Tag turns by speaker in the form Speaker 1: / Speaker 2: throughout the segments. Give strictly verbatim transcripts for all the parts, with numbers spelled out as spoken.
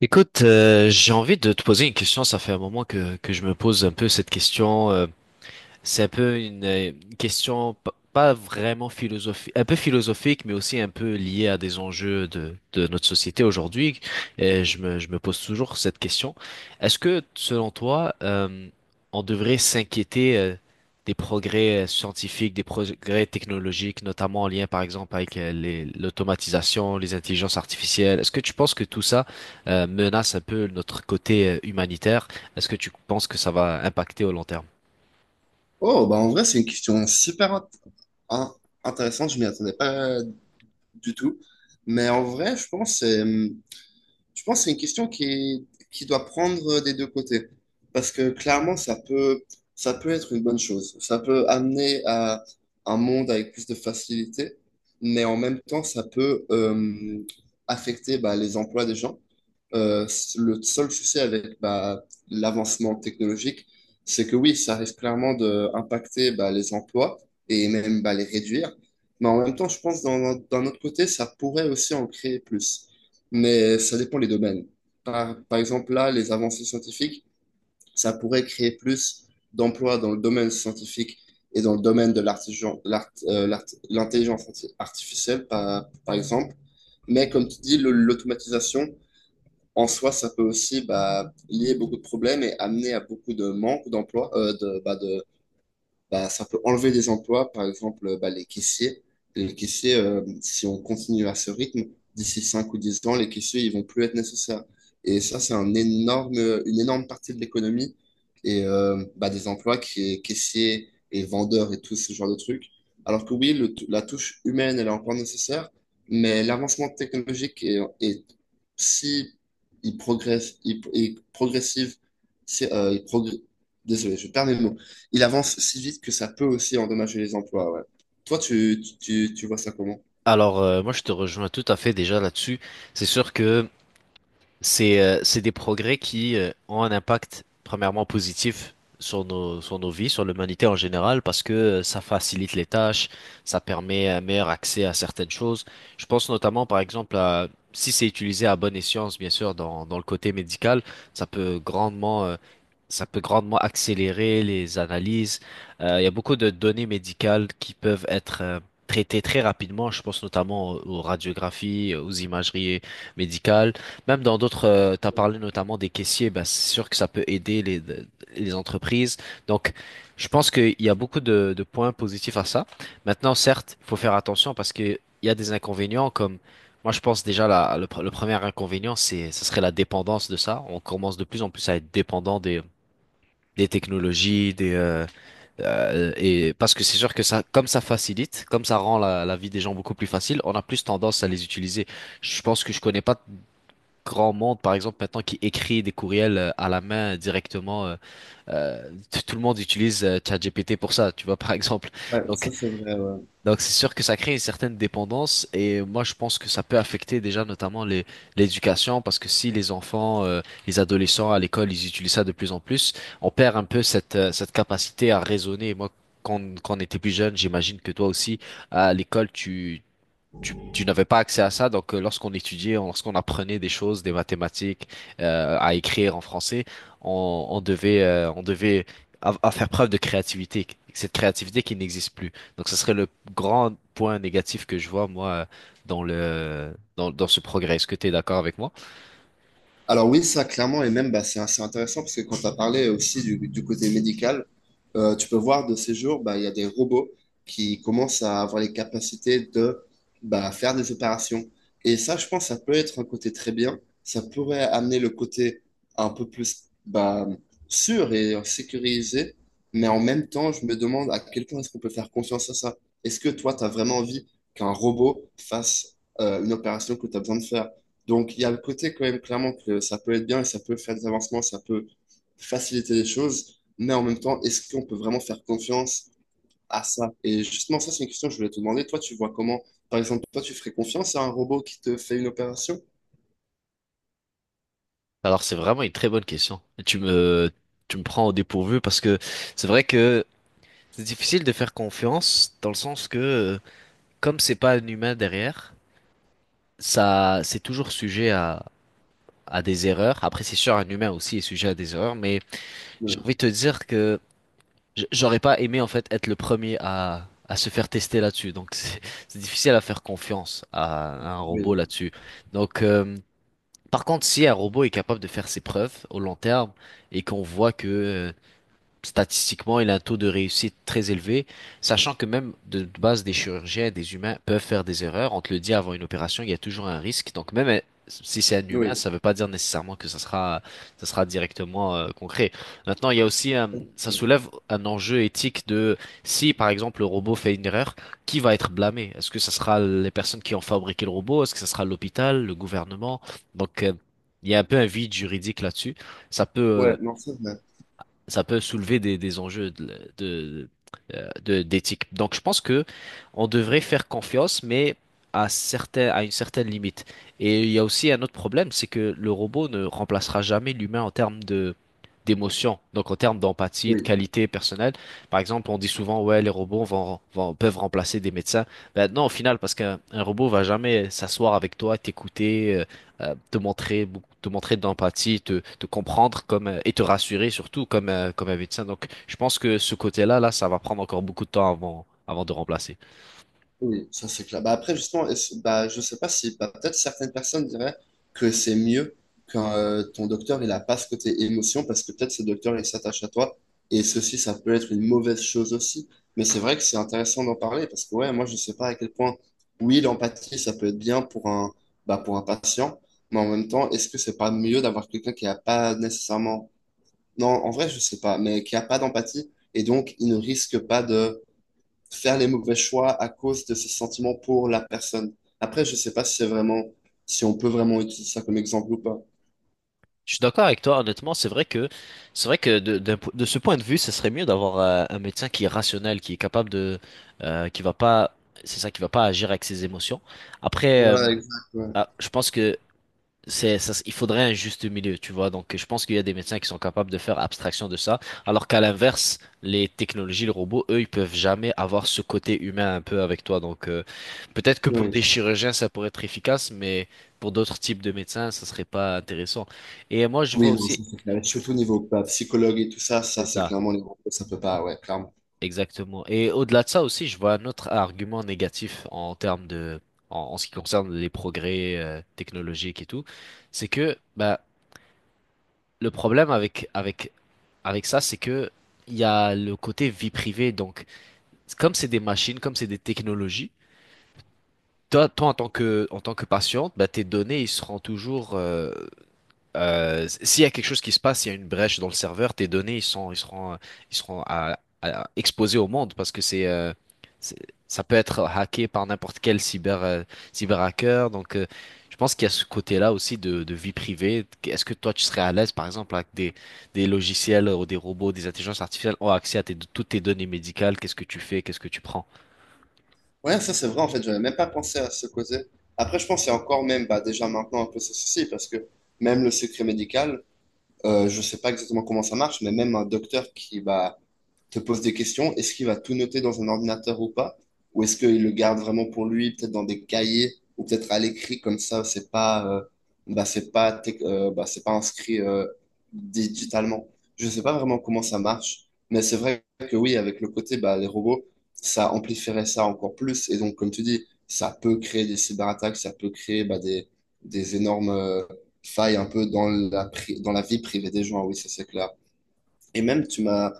Speaker 1: Écoute, euh, j'ai envie de te poser une question. Ça fait un moment que, que je me pose un peu cette question. Euh, c'est un peu une euh, question p- pas vraiment philosophique, un peu philosophique, mais aussi un peu liée à des enjeux de, de notre société aujourd'hui. Et je me, je me pose toujours cette question. Est-ce que, selon toi, euh, on devrait s'inquiéter euh, des progrès euh, scientifiques, des progrès technologiques, notamment en lien, par exemple, avec euh, les, l'automatisation, les intelligences artificielles? Est-ce que tu penses que tout ça euh, menace un peu notre côté euh, humanitaire? Est-ce que tu penses que ça va impacter au long terme?
Speaker 2: Oh, bah en vrai, c'est une question super int- in- intéressante. Je m'y attendais pas du tout. Mais en vrai, je pense que c'est. hmm, je pense que c'est une question qui qui doit prendre des deux côtés. Parce que clairement, ça peut, ça peut être une bonne chose. Ça peut amener à un monde avec plus de facilité, mais en même temps, ça peut euh, affecter bah, les emplois des gens. Euh, le seul souci avec bah, l'avancement technologique, c'est que oui, ça risque clairement d'impacter bah, les emplois et même bah, les réduire. Mais en même temps, je pense que d'un d'un autre côté, ça pourrait aussi en créer plus, mais ça dépend les domaines. Par, par exemple, là, les avancées scientifiques, ça pourrait créer plus d'emplois dans le domaine scientifique et dans le domaine de l'artigen- l'art- euh, l'art- l'intelligence arti- artificielle, par, par exemple. Mais comme tu dis, le- l'automatisation, en soi, ça peut aussi bah, lier beaucoup de problèmes et amener à beaucoup de manque d'emplois, euh, de, bah, de, bah, ça peut enlever des emplois, par exemple euh, bah, les caissiers. Les caissiers, euh, si on continue à ce rythme, d'ici cinq ou dix ans, les caissiers, ils vont plus être nécessaires. Et ça, c'est un énorme, une énorme partie de l'économie et euh, bah, des emplois qui est caissier et vendeur et tout ce genre de trucs. Alors que oui, le- la touche humaine, elle est encore nécessaire, mais l'avancement technologique est, est si il progresse, il, il progressive, si, euh, il progr- désolé, je perds mes mots, il avance si vite que ça peut aussi endommager les emplois. Ouais. Toi, tu, tu, tu vois ça comment?
Speaker 1: Alors, euh, moi, je te rejoins tout à fait déjà là-dessus. C'est sûr que c'est euh, c'est des progrès qui euh, ont un impact premièrement positif sur nos, sur nos vies, sur l'humanité en général, parce que euh, ça facilite les tâches, ça permet un meilleur accès à certaines choses. Je pense notamment, par exemple, à, si c'est utilisé à bon escient, bien sûr, dans, dans le côté médical, ça peut grandement, euh, ça peut grandement accélérer les analyses. Euh, il y a beaucoup de données médicales qui peuvent être euh, traitées très rapidement. Je pense notamment aux aux radiographies, aux imageries médicales, même dans d'autres, tu as parlé notamment des caissiers. Bah, c'est sûr que ça peut aider les, les entreprises. Donc, je pense qu'il y a beaucoup de, de points positifs à ça. Maintenant, certes, il faut faire attention parce qu'il y a des inconvénients comme, moi je pense déjà la, le, pre- le premier inconvénient, c'est, ce serait la dépendance de ça. On commence de plus en plus à être dépendant des, des technologies, des, euh, euh, et parce que c'est sûr que ça, comme ça facilite, comme ça rend la, la vie des gens beaucoup plus facile, on a plus tendance à les utiliser. Je pense que je connais pas grand monde, par exemple, maintenant qui écrit des courriels euh, à la main euh, directement. Euh, euh, t- tout le monde utilise euh, ChatGPT pour ça, tu vois, par exemple.
Speaker 2: Ouais,
Speaker 1: Donc,
Speaker 2: ça c'est vrai. Ouais.
Speaker 1: donc c'est sûr que ça crée une certaine dépendance et moi, je pense que ça peut affecter déjà notamment les, l'éducation parce que si les enfants, euh, les adolescents à l'école, ils utilisent ça de plus en plus, on perd un peu cette, euh, cette capacité à raisonner. Moi, Quand, quand on était plus jeune, j'imagine que toi aussi, à l'école, tu, tu, tu n'avais pas accès à ça. Donc, euh, lorsqu'on étudiait, on- lorsqu'on apprenait des choses, des mathématiques, euh, à écrire en français, on, on devait, euh, on devait à, à faire preuve de créativité. Cette créativité qui n'existe plus. Donc, ce serait le grand point négatif que je vois, moi, euh, dans le, dans, dans ce progrès. Est-ce que tu es d'accord avec moi?
Speaker 2: Alors oui, ça clairement, et même bah, c'est assez intéressant parce que quand tu as parlé aussi du, du côté médical, euh, tu peux voir de ces jours, bah, il y a des robots qui commencent à avoir les capacités de bah, faire des opérations. Et ça, je pense, ça peut être un côté très bien. Ça pourrait amener le côté un peu plus bah, sûr et sécurisé, mais en même temps, je me demande à quel point est-ce qu'on peut faire confiance à ça. Est-ce que toi, tu as vraiment envie qu'un robot fasse euh, une opération que tu as besoin de faire? Donc, il y a le côté quand même clairement que ça peut être bien et ça peut faire des avancements, ça peut faciliter les choses, mais en même temps, est-ce qu'on peut vraiment faire confiance à ça? Et justement, ça, c'est une question que je voulais te demander. Toi, tu vois comment, par exemple, toi, tu ferais confiance à un robot qui te fait une opération?
Speaker 1: Alors, c'est vraiment une très bonne question. Tu me, tu me prends au dépourvu parce que c'est vrai que c'est difficile de faire confiance dans le sens que, euh, comme c'est pas un humain derrière, ça, c'est toujours sujet à, à des erreurs. Après, c'est sûr, un humain aussi est sujet à des erreurs, mais j'ai
Speaker 2: Oui,
Speaker 1: envie de te dire que j- j'aurais pas aimé, en fait, être le premier à, à se faire tester là-dessus. Donc, c'est c'est difficile à faire confiance à, à un robot
Speaker 2: oui,
Speaker 1: là-dessus. Donc, euh, par contre, si un robot est capable de faire ses preuves au long terme et qu'on voit que, euh, statistiquement, il a un taux de réussite très élevé, sachant que même de base, des chirurgiens, des humains peuvent faire des erreurs. On te le dit avant une opération, il y a toujours un risque. Donc même euh, si c'est un humain,
Speaker 2: oui.
Speaker 1: ça ne veut pas dire nécessairement que ça sera, ça sera directement euh, concret. Maintenant, il y a aussi un- ça soulève un enjeu éthique de si, par exemple, le robot fait une erreur, qui va être blâmé? Est-ce que ce sera les personnes qui ont fabriqué le robot? Est-ce que ce sera l'hôpital, le gouvernement? Donc euh, il y a un peu un vide juridique là-dessus. Ça peut, euh,
Speaker 2: Ouais, non, c'est vrai.
Speaker 1: ça peut soulever des, des enjeux de, de- euh, de- d'éthique. Donc, je pense que on devrait faire confiance, mais à certains, à une certaine limite. Et il y a aussi un autre problème, c'est que le robot ne remplacera jamais l'humain en termes de d'émotion, donc en termes d'empathie, de
Speaker 2: Oui.
Speaker 1: qualité personnelle. Par exemple, on dit souvent, ouais, les robots vont, vont- peuvent remplacer des médecins. Ben non, au final, parce qu'un un robot va jamais s'asseoir avec toi, t'écouter, euh, euh, te montrer beaucoup, te montrer d'empathie, te, te comprendre comme euh, et te rassurer surtout comme euh, comme un médecin. Donc, je pense que ce côté-là, là, ça va prendre encore beaucoup de temps avant avant de remplacer.
Speaker 2: Oui, ça c'est clair. Bah, après, justement, est-ce- bah, je sais pas si bah, peut-être certaines personnes diraient que c'est mieux quand euh, ton docteur il a pas ce côté émotion parce que peut-être ce docteur il s'attache à toi et ceci ça peut être une mauvaise chose aussi. Mais c'est vrai que c'est intéressant d'en parler parce que ouais, moi je sais pas à quel point oui l'empathie ça peut être bien pour un bah, pour un patient, mais en même temps est-ce que c'est pas mieux d'avoir quelqu'un qui a pas nécessairement, non en vrai je sais pas, mais qui a pas d'empathie et donc il ne risque pas faire les mauvais choix à cause de ses sentiments pour la personne. Après, je sais pas si c'est vraiment, si on peut vraiment utiliser ça comme exemple ou pas.
Speaker 1: Je suis d'accord avec toi, honnêtement, c'est vrai que c'est vrai que de, d'un po- de ce point de vue, ce serait mieux d'avoir euh, un médecin qui est rationnel, qui est capable de euh, qui va pas c'est ça qui va pas agir avec ses émotions. Après, euh,
Speaker 2: Voilà, exact, ouais.
Speaker 1: ah, je pense que c'est, ça, il faudrait un juste milieu, tu vois. Donc, je pense qu'il y a des médecins qui sont capables de faire abstraction de ça, alors qu'à l'inverse, les technologies, les robots, eux, ils peuvent jamais avoir ce côté humain un peu avec toi. Donc, euh, peut-être que pour
Speaker 2: Oui,
Speaker 1: des chirurgiens, ça pourrait être efficace, mais pour d'autres types de médecins, ça serait pas intéressant. Et moi, je vois
Speaker 2: oui, non,
Speaker 1: aussi,
Speaker 2: ça c'est clair. Et
Speaker 1: je-
Speaker 2: surtout au niveau bah, psychologue et tout ça, ça
Speaker 1: c'est
Speaker 2: c'est
Speaker 1: ça,
Speaker 2: clairement les gros, ça peut pas, ouais, clairement.
Speaker 1: exactement. Et au-delà de ça aussi, je vois un autre argument négatif en termes de, en, en ce qui concerne les progrès euh, technologiques et tout, c'est que, bah, le problème avec, avec, avec ça, c'est que il y a le côté vie privée. Donc, comme c'est des machines, comme c'est des technologies, toi, toi en tant que, en tant que patiente, bah, tes données, ils seront toujours, euh, euh, s'il y a quelque chose qui se passe, il y a une brèche dans le serveur, tes données, ils sont, ils seront, ils seront à, à- exposés au monde parce que c'est, euh, c'est- ça peut être hacké par n'importe quel cyber, euh, cyberhacker. Donc, euh, je pense qu'il y a ce côté-là aussi de, de vie privée. Est-ce que toi, tu serais à l'aise, par exemple, avec des, des logiciels ou des robots, des intelligences artificielles ont accès à tes, toutes tes données médicales? Qu'est-ce que tu fais? Qu'est-ce que tu prends?
Speaker 2: Ouais, ça c'est vrai, en fait, j'avais même pas pensé à ce côté. Après, je pense qu'il y a encore même, bah, déjà maintenant un peu ce souci, parce que même le secret médical, euh, je sais pas exactement comment ça marche, mais même un docteur qui, bah, te pose des questions. Est-ce qu'il va tout noter dans un ordinateur ou pas? Ou est-ce qu'il le garde vraiment pour lui, peut-être dans des cahiers ou peut-être à l'écrit, comme ça, c'est pas, euh, bah, c'est pas, tec- euh, bah, c'est pas inscrit euh, digitalement. Je sais pas vraiment comment ça marche, mais c'est vrai que oui, avec le côté, bah, les robots, ça amplifierait ça encore plus. Et donc, comme tu dis, ça peut créer des cyberattaques, ça peut créer bah, des, des énormes euh, failles un peu dans la, pri- dans la vie privée des gens, oui, ça c'est clair. Et même, tu m'as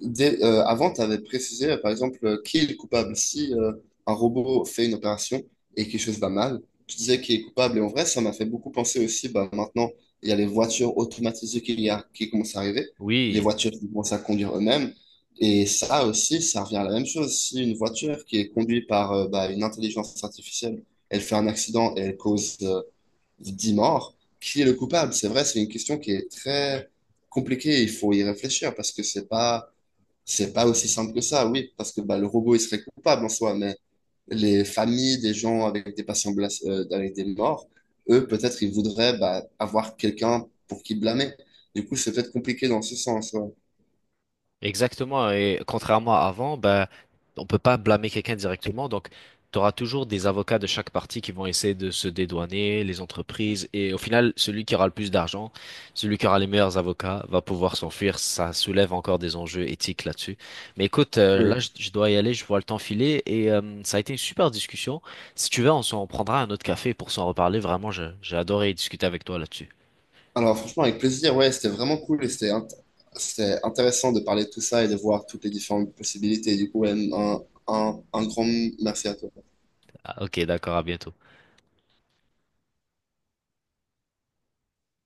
Speaker 2: Dès- euh, avant, tu avais précisé, euh, par exemple, euh, qui est le coupable. Si euh, un robot fait une opération et quelque chose va mal, tu disais qui est coupable. Et en vrai, ça m'a fait beaucoup penser aussi, bah, maintenant, il y a les voitures automatisées qu'il y a, qui commencent à arriver, les
Speaker 1: Oui.
Speaker 2: voitures qui commencent à conduire eux-mêmes. Et ça aussi, ça revient à la même chose. Si une voiture qui est conduite par euh, bah, une intelligence artificielle, elle fait un accident et elle cause euh, dix morts, qui est le coupable? C'est vrai, c'est une question qui est très compliquée. Il faut y réfléchir parce que c'est pas c'est pas aussi simple que ça, oui, parce que bah, le robot, il serait coupable en soi, mais les familles des gens avec des patients blas- euh, avec des morts, eux, peut-être, ils voudraient bah, avoir quelqu'un pour qui blâmer. Du coup, c'est peut-être compliqué dans ce sens. Ouais.
Speaker 1: Exactement. Et contrairement à avant, ben, on peut pas blâmer quelqu'un directement. Donc, tu auras toujours des avocats de chaque partie qui vont essayer de se dédouaner, les entreprises. Et au final, celui qui aura le plus d'argent, celui qui aura les meilleurs avocats, va pouvoir s'enfuir. Ça soulève encore des enjeux éthiques là-dessus. Mais écoute, euh,
Speaker 2: Oui.
Speaker 1: là, je, je dois y aller. Je vois le temps filer. Et euh, ça a été une super discussion. Si tu veux, on s'en prendra un autre café pour s'en reparler. Vraiment, je- j'ai adoré discuter avec toi là-dessus.
Speaker 2: Alors, franchement, avec plaisir, ouais, c'était vraiment cool et c'était int- c'était intéressant de parler de tout ça et de voir toutes les différentes possibilités. Du coup, ouais, un, un, un grand merci à toi.
Speaker 1: Ah, ok, d'accord. À bientôt.